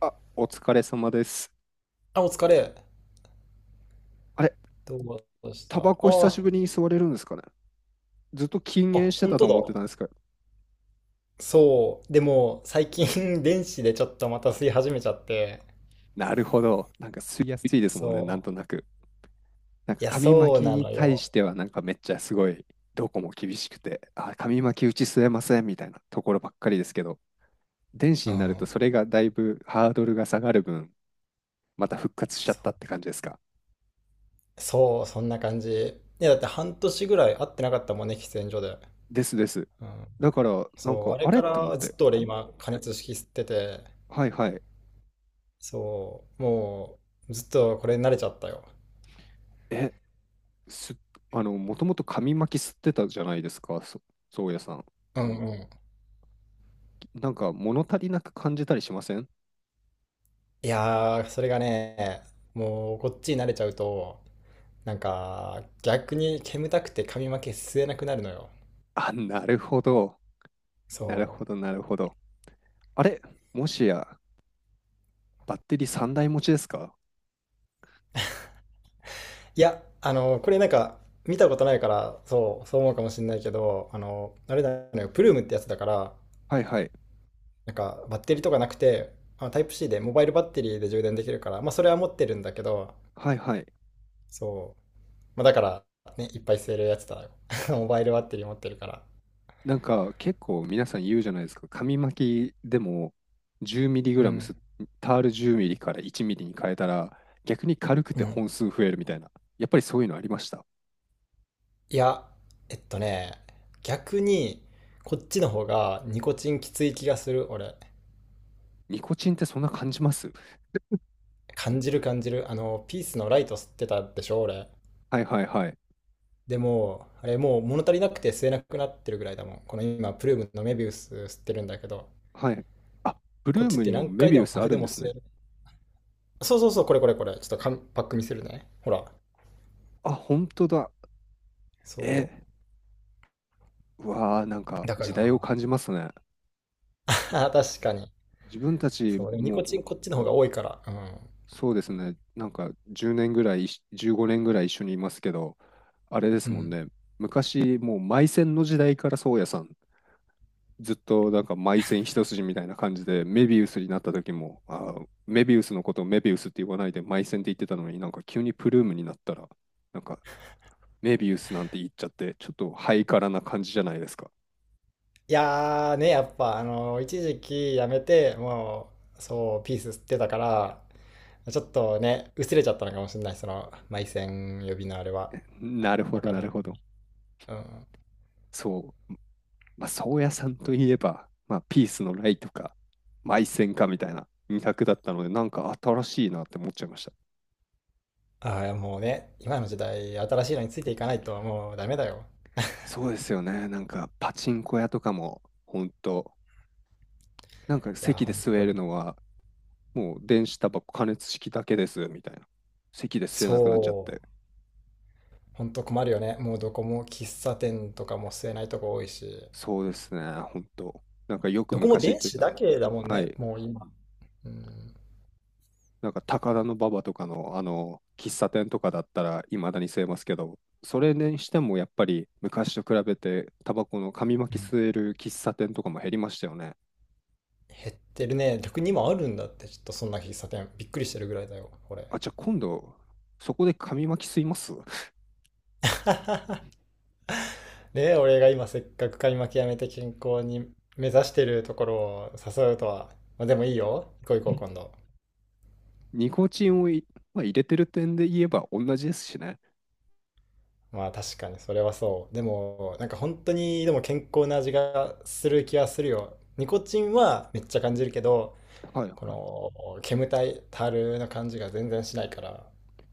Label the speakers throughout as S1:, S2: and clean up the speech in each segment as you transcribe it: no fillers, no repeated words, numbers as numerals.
S1: あ、お疲れ様です。
S2: あ、お疲れ。
S1: あれ、
S2: どうした
S1: タバコ久しぶりに吸われるんですかね？ずっと禁
S2: あ、
S1: 煙して
S2: 本
S1: たと
S2: 当
S1: 思って
S2: だ。
S1: たんですけど。
S2: そう。でも、最近 電子でちょっとまた吸い始めちゃって。
S1: なるほど。なんか吸いやすいですもんね、なん
S2: そ
S1: と
S2: う。
S1: なく。なん
S2: い
S1: か
S2: や、
S1: 紙
S2: そ
S1: 巻
S2: う
S1: き
S2: な
S1: に
S2: の
S1: 対し
S2: よ。
S1: てはなんかめっちゃすごい、どこも厳しくて、あ、紙巻きうち吸えませんみたいなところばっかりですけど、電
S2: う
S1: 子になると
S2: ん。
S1: それがだいぶハードルが下がる分、また復活しちゃった
S2: そう。
S1: って感じですか？
S2: そう、そんな感じ。いや、だって半年ぐらい会ってなかったもんね、喫煙所で。
S1: ですです。
S2: うん。
S1: だから、なん
S2: そう。
S1: か、
S2: あれ
S1: あれ
S2: か
S1: って思っ
S2: らず
S1: て、
S2: っと俺今、加熱式吸ってて、
S1: はいはい。
S2: そう。もう、ずっとこれに慣れちゃったよ。
S1: え、す、あの、もともと紙巻き吸ってたじゃないですか、宗谷さん。
S2: うんうん。
S1: なんか物足りなく感じたりしません？
S2: いやー、それがね、もうこっちに慣れちゃうと、逆に煙たくて髪の毛吸えなくなるのよ。
S1: あ、なるほど。なる
S2: そ
S1: ほ
S2: う。
S1: ど、なるほど。あれ、もしや、バッテリー3台持ちですか？
S2: いや、これなんか、見たことないから、そう、そう思うかもしれないけど、あれだよね、プルームってやつだから、
S1: はいはい。
S2: バッテリーとかなくて、まあタイプ C で、モバイルバッテリーで充電できるから、まあ、それは持ってるんだけど、
S1: はいはい。
S2: そう。まあ、だから、ね、いっぱい吸えるやつだよ モバイルバッテリー持ってるから。
S1: なんか結構皆さん言うじゃないですか。紙巻きでも1 0
S2: う
S1: ラムす、
S2: ん。
S1: タール1 0ミリから1ミリに変えたら逆に軽く
S2: う
S1: て
S2: ん。
S1: 本数増えるみたいな。やっぱりそういうのありました？
S2: いや、えっとね、逆に、こっちの方がニコチンきつい気がする、俺。
S1: ニコチンってそんな感じます？
S2: 感じる感じる。あの、ピースのライト吸ってたでしょ、俺。
S1: はいはいはい。
S2: でも、あれもう物足りなくて吸えなくなってるぐらいだもん。この今、プルームのメビウス吸ってるんだけど、
S1: はい。あ、ブル
S2: こっ
S1: ー
S2: ちっ
S1: ム
S2: て
S1: にも
S2: 何
S1: メ
S2: 回で
S1: ビウ
S2: も
S1: ス
S2: パ
S1: あ
S2: フ
S1: る
S2: で
S1: ん
S2: も
S1: です
S2: 吸
S1: ね。
S2: える。そうそうそう、これこれこれ。ちょっとかんパック見せるね。ほら。
S1: あ、本当だ。
S2: そ
S1: え、うわー、なん
S2: う。
S1: か
S2: だか
S1: 時
S2: ら
S1: 代を感じますね。
S2: 確かに。
S1: 自分たち
S2: そう。でもニコ
S1: も
S2: チンこっちの方が多いから。うん。
S1: そうですね、なんか10年ぐらい、15年ぐらい一緒にいますけど、あれです
S2: う
S1: もん
S2: ん。
S1: ね、昔、もうマイセンの時代から宗谷さん、ずっとなんかマイセン一筋みたいな感じで、メビウスになった時も、メビウスのことをメビウスって言わないでマイセンって言ってたのに、なんか急にプルームになったら、なんかメビウスなんて言っちゃって、ちょっとハイカラな感じじゃないですか。
S2: いやーね、やっぱ、一時期やめて、もう、そう、ピース吸ってたから、ちょっとね、薄れちゃったのかもしれない、その、埋線呼びのあれは。
S1: なるほ
S2: わ
S1: ど、
S2: かん
S1: な
S2: な
S1: るほ
S2: い。
S1: ど。
S2: うん。
S1: そう。まあ、宗谷さんといえば、まあ、ピースのライとか、マイセンかみたいな2択だったので、なんか新しいなって思っちゃいました。
S2: ああ、もうね、今の時代、新しいのについていかないと、もうダメだよ。
S1: そうですよね。なんか、パチンコ屋とかも、ほんと、なんか
S2: いや、
S1: 席で
S2: 本
S1: 座
S2: 当
S1: る
S2: に。
S1: のは、もう電子タバコ加熱式だけです、みたいな。席で吸えなくなっちゃっ
S2: そう、
S1: て。
S2: 本当困るよね。もうどこも喫茶店とかも吸えないとこ多いし、
S1: そうですね、本当。なんかよく
S2: どこも
S1: 昔言っ
S2: 電
S1: て
S2: 子
S1: た。
S2: だけだもん
S1: は
S2: ね、
S1: い。
S2: もう今。うん。
S1: なんか高田馬場とかのあの喫茶店とかだったらいまだに吸えますけど、それにしてもやっぱり昔と比べてタバコの紙
S2: う
S1: 巻き
S2: ん。
S1: 吸える喫茶店とかも減りましたよね。
S2: 減ってるね。逆に今あるんだって、ちょっとそんな喫茶店。びっくりしてるぐらいだよ、これ。
S1: あ、じゃあ今度そこで紙巻き吸います？
S2: で、俺が今せっかく買い負けやめて健康に目指してるところを誘うとは。まあでもいいよ。行こう行こう、今 度。
S1: ニコチンをまあ、入れてる点で言えば同じですしね。
S2: まあ確かにそれはそう。でも、なんか本当にでも健康な味がする気はするよ。ニコチンはめっちゃ感じるけど、
S1: はい
S2: こ
S1: はい。
S2: の煙たいたるの感じが全然しないから。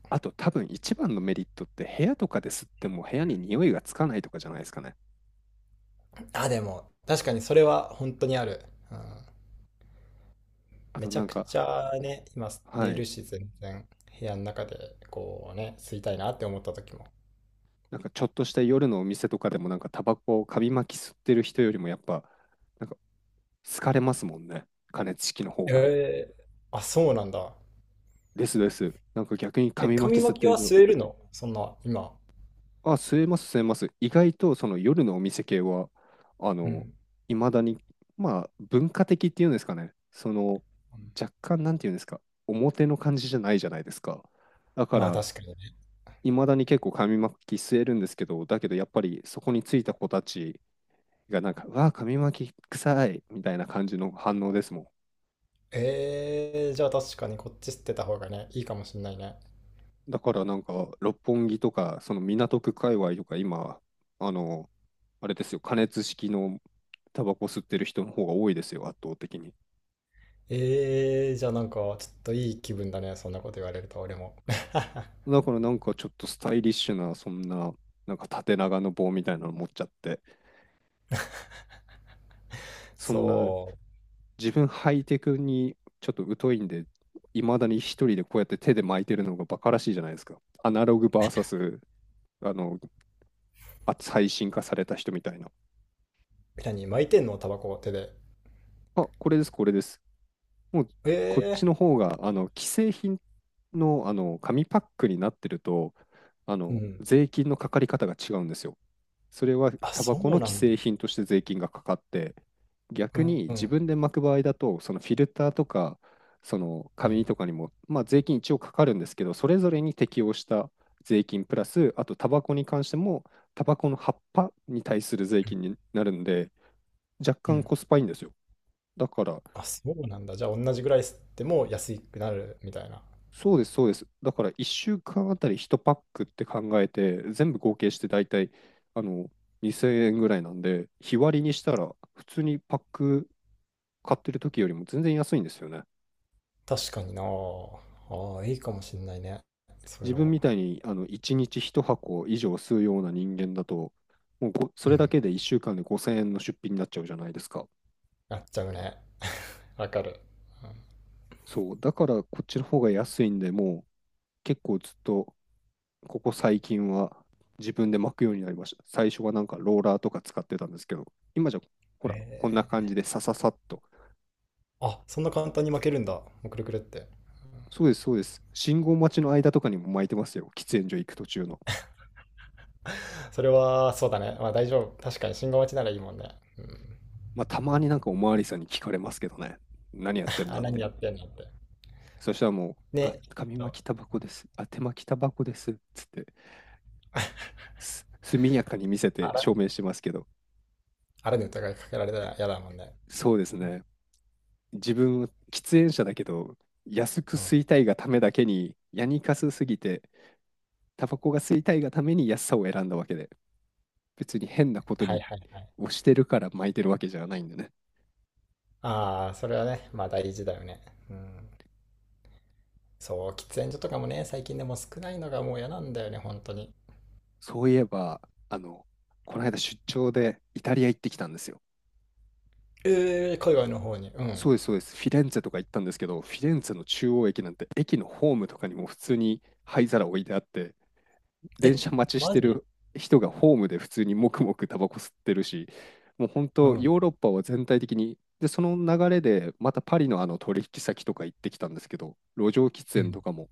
S1: あと多分一番のメリットって部屋とかで吸っても部屋に匂いがつかないとかじゃないですかね。
S2: あ、でも確かにそれは本当にある。うん。
S1: あ
S2: め
S1: と
S2: ち
S1: な
S2: ゃ
S1: ん
S2: くち
S1: か、
S2: ゃね、今寝
S1: はい、
S2: るし、全然部屋の中でこうね、吸いたいなって思った時も。
S1: なんかちょっとした夜のお店とかでもなんかタバコを紙巻き吸ってる人よりもやっぱなんか好かれますもんね。加熱式の方が。
S2: えー、あ、そうなんだ。
S1: ですです。なんか逆に
S2: え、
S1: 紙巻
S2: 紙
S1: き吸っ
S2: 巻
S1: て
S2: き
S1: る
S2: は
S1: と、
S2: 吸えるのそんな、今？
S1: あ、吸えます吸えます。意外とその夜のお店系は、あ
S2: うん。
S1: の、
S2: う
S1: いまだに、まあ文化的っていうんですかね。その若
S2: ん。
S1: 干なんていうんですか、表の感じじゃないじゃないですか。だか
S2: まあ
S1: ら、
S2: 確かにね。
S1: いまだに結構紙巻き吸えるんですけど、だけどやっぱりそこについた子たちがなんか、うわあ、紙巻き臭いみたいな感じの反応ですも
S2: えー、じゃあ確かにこっち吸ってた方がね、いいかもしんないね。
S1: ん。だからなんか、六本木とか、その港区界隈とか、今、あの、あれですよ、加熱式のタバコ吸ってる人の方が多いですよ、圧倒的に。
S2: えー、じゃあなんかちょっといい気分だね、そんなこと言われると俺も。
S1: だからなんかちょっとスタイリッシュな、そんな、なんか縦長の棒みたいなの持っちゃって、そんな
S2: そ
S1: 自分ハイテクにちょっと疎いんで、いまだに一人でこうやって手で巻いてるのがバカらしいじゃないですか。アナログ v スあの、最新化された人みたいな。
S2: う。何、巻いてんのタバコを手で？
S1: あ、これです、これです。もう、
S2: え
S1: こっち
S2: え。
S1: の方が、あの、既製品の、あの、紙パックになってると、あ
S2: う
S1: の、
S2: ん。
S1: 税金のかかり方が違うんですよ。それは
S2: あ、
S1: タバ
S2: そ
S1: コの
S2: うな
S1: 既
S2: んだ。
S1: 製品として税金がかかって、
S2: う
S1: 逆に自
S2: ん。
S1: 分で巻く場合だと、そのフィルターとか、その
S2: う
S1: 紙
S2: ん。
S1: とかにも、まあ、税金一応かかるんですけど、それぞれに適用した税金プラス、あとタバコに関しても、タバコの葉っぱに対する税金になるんで、若
S2: う
S1: 干
S2: ん。
S1: コスパいいんですよ。だから、
S2: あ、そうなんだ。じゃあ、同じぐらい吸っても安くなるみたいな。
S1: そうです、そうです。だから、1週間あたり1パックって考えて、全部合計して大体、あの、2000円ぐらいなんで、日割りにしたら、普通にパック買ってる時よりも全然安いんですよね。
S2: 確かにな。ああ、いいかもしんないね。そういう
S1: 自
S2: の
S1: 分
S2: も。
S1: みたいにあの1日1箱以上吸うような人間だと、もうそ
S2: う
S1: れだ
S2: ん。
S1: けで1週間で5000円の出費になっちゃうじゃないですか。
S2: やっちゃうね。わかる。うん。
S1: そう、だからこっちの方が安いんで、もう結構ずっとここ最近は自分で巻くようになりました。最初はなんかローラーとか使ってたんですけど、今じゃほ
S2: へ
S1: ら、こんな感
S2: え。
S1: じでさささっと。
S2: あ、そんな簡単に負けるんだ。もうくるくるって。
S1: そうです、そうです。信号待ちの間とかにも巻いてますよ。喫煙所行く途中の。
S2: それは、そうだね。まあ大丈夫。確かに信号待ちならいいもんね。うん。
S1: まあ、たまになんかおまわりさんに聞かれますけどね。何やって ん
S2: あ、
S1: だっ
S2: 何
S1: て。
S2: やってんのって。
S1: そしたらもう、あ、
S2: ね。
S1: 紙
S2: そう。
S1: 巻きタバコです。あ、手巻きタバコです。つって、速やかに見せて
S2: あら、
S1: 証明してますけど、
S2: あらに疑いかけられたら嫌だもんね。
S1: そうですね。自分は喫煙者だけど、安く
S2: うん。
S1: 吸いたいがためだけに、ヤニカスすぎて、タバコが吸いたいがために安さを選んだわけで、別に変なこと
S2: はい
S1: に
S2: はいはい。
S1: 押してるから巻いてるわけじゃないんでね。
S2: ああ、それはね、まあ大事だよね。うん。そう、喫煙所とかもね、最近でも少ないのがもう嫌なんだよね、本当に。
S1: そういえば、あの、この間出張でイタリア行ってきたんですよ。
S2: えー、海外の方に。うん。
S1: そうです、そうです。フィレンツェとか行ったんですけど、フィレンツェの中央駅なんて、駅のホームとかにも普通に灰皿置いてあって、電
S2: え、
S1: 車待ちし
S2: マ
S1: て
S2: ジ？
S1: る人がホームで普通にもくもくタバコ吸ってるし、もう本
S2: う
S1: 当、
S2: ん。
S1: ヨーロッパは全体的に、で、その流れで、またパリのあの取引先とか行ってきたんですけど、路上喫
S2: う
S1: 煙
S2: ん。
S1: とかも、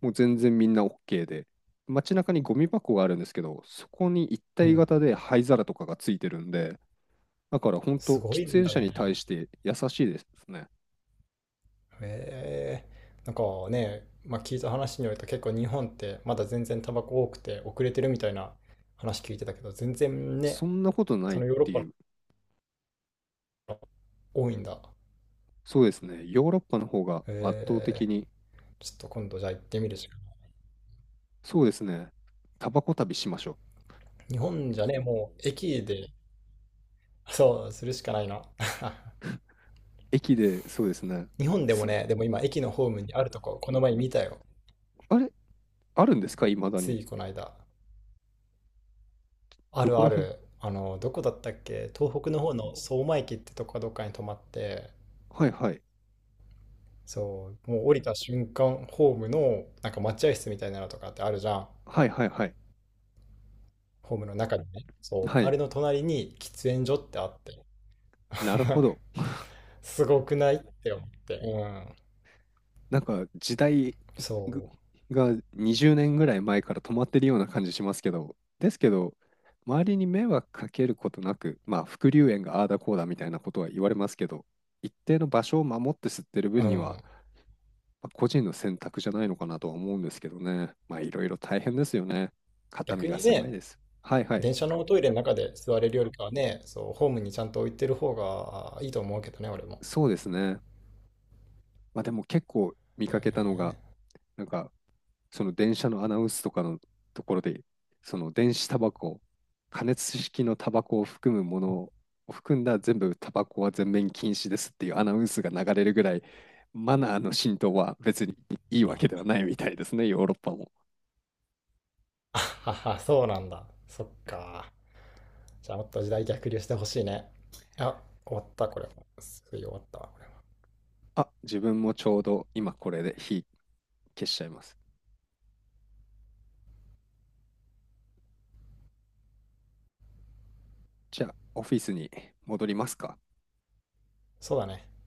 S1: もう全然みんな OK で、街中にゴミ箱があるんですけど、そこに一
S2: う
S1: 体
S2: ん。
S1: 型で灰皿とかがついてるんで、だから本
S2: す
S1: 当、
S2: ごい
S1: 喫
S2: ん
S1: 煙
S2: だ
S1: 者
S2: ね。
S1: に対して優しいですね。
S2: へえー、なんかね、まあ、聞いた話によると結構日本ってまだ全然タバコ多くて遅れてるみたいな話聞いてたけど、全然
S1: そ
S2: ね、
S1: んなことな
S2: そ
S1: いっ
S2: のヨーロッ
S1: て
S2: パ
S1: い
S2: の
S1: う。
S2: 方が多いんだ。
S1: そうですね。ヨーロッパの方が圧倒的
S2: へえ
S1: に、
S2: ー、ちょっと今度じゃあ行ってみるしか。
S1: そうですね。タバコ旅しましょう。
S2: 日本じゃね、もう駅で、そう、するしかないな。
S1: 駅で、そうですね。
S2: 日本でも
S1: す、
S2: ね、でも今駅のホームにあるとこ、この前見たよ。
S1: あれ、あるんですかいまだ
S2: つ
S1: に？
S2: いこの間。あ
S1: ど
S2: る
S1: こ
S2: あ
S1: ら辺？
S2: る。どこだったっけ東北の方の相馬駅ってとこかどっかに泊まって、
S1: はいはい。
S2: そう、もう降りた瞬間、ホームのなんか待合室みたいなのとかってあるじゃん。
S1: はいはいはい。
S2: ホームの中にね。そう、
S1: は
S2: あ
S1: い。
S2: れの隣に喫煙所ってあって。
S1: なるほ ど。
S2: すごくないって思って。うん。
S1: なんか時代ぐ
S2: そ
S1: が20年ぐらい前から止まってるような感じしますけど、ですけど、周りに迷惑かけることなく、まあ、副流煙がああだこうだみたいなことは言われますけど、一定の場所を守って吸ってる
S2: う。
S1: 分
S2: う
S1: には、
S2: ん。
S1: まあ個人の選択じゃないのかなとは思うんですけどね。まあいろいろ大変ですよね。肩
S2: 逆
S1: 身が
S2: に
S1: 狭い
S2: ね、
S1: です。はいはい。
S2: 電車のトイレの中で座れるよりかはね、そう、ホームにちゃんと置いてる方がいいと思うけどね、俺も。
S1: そうですね。まあでも結構見
S2: だ
S1: か
S2: よ
S1: けたのが、
S2: ね。
S1: なんかその電車のアナウンスとかのところで、その電子タバコ、加熱式のタバコを含むものを含んだ全部タバコは全面禁止ですっていうアナウンスが流れるぐらい、マナーの浸透は別にいいわけではないみたいですね、ヨーロッパも。
S2: あはは、そうなんだ。そっか。じゃあもっと時代逆流してほしいね。あ、終わった、これは。すぐ終わったわ、これは。
S1: あ、自分もちょうど今これで火消しちゃいます。じゃあ、オフィスに戻りますか？
S2: そうだね。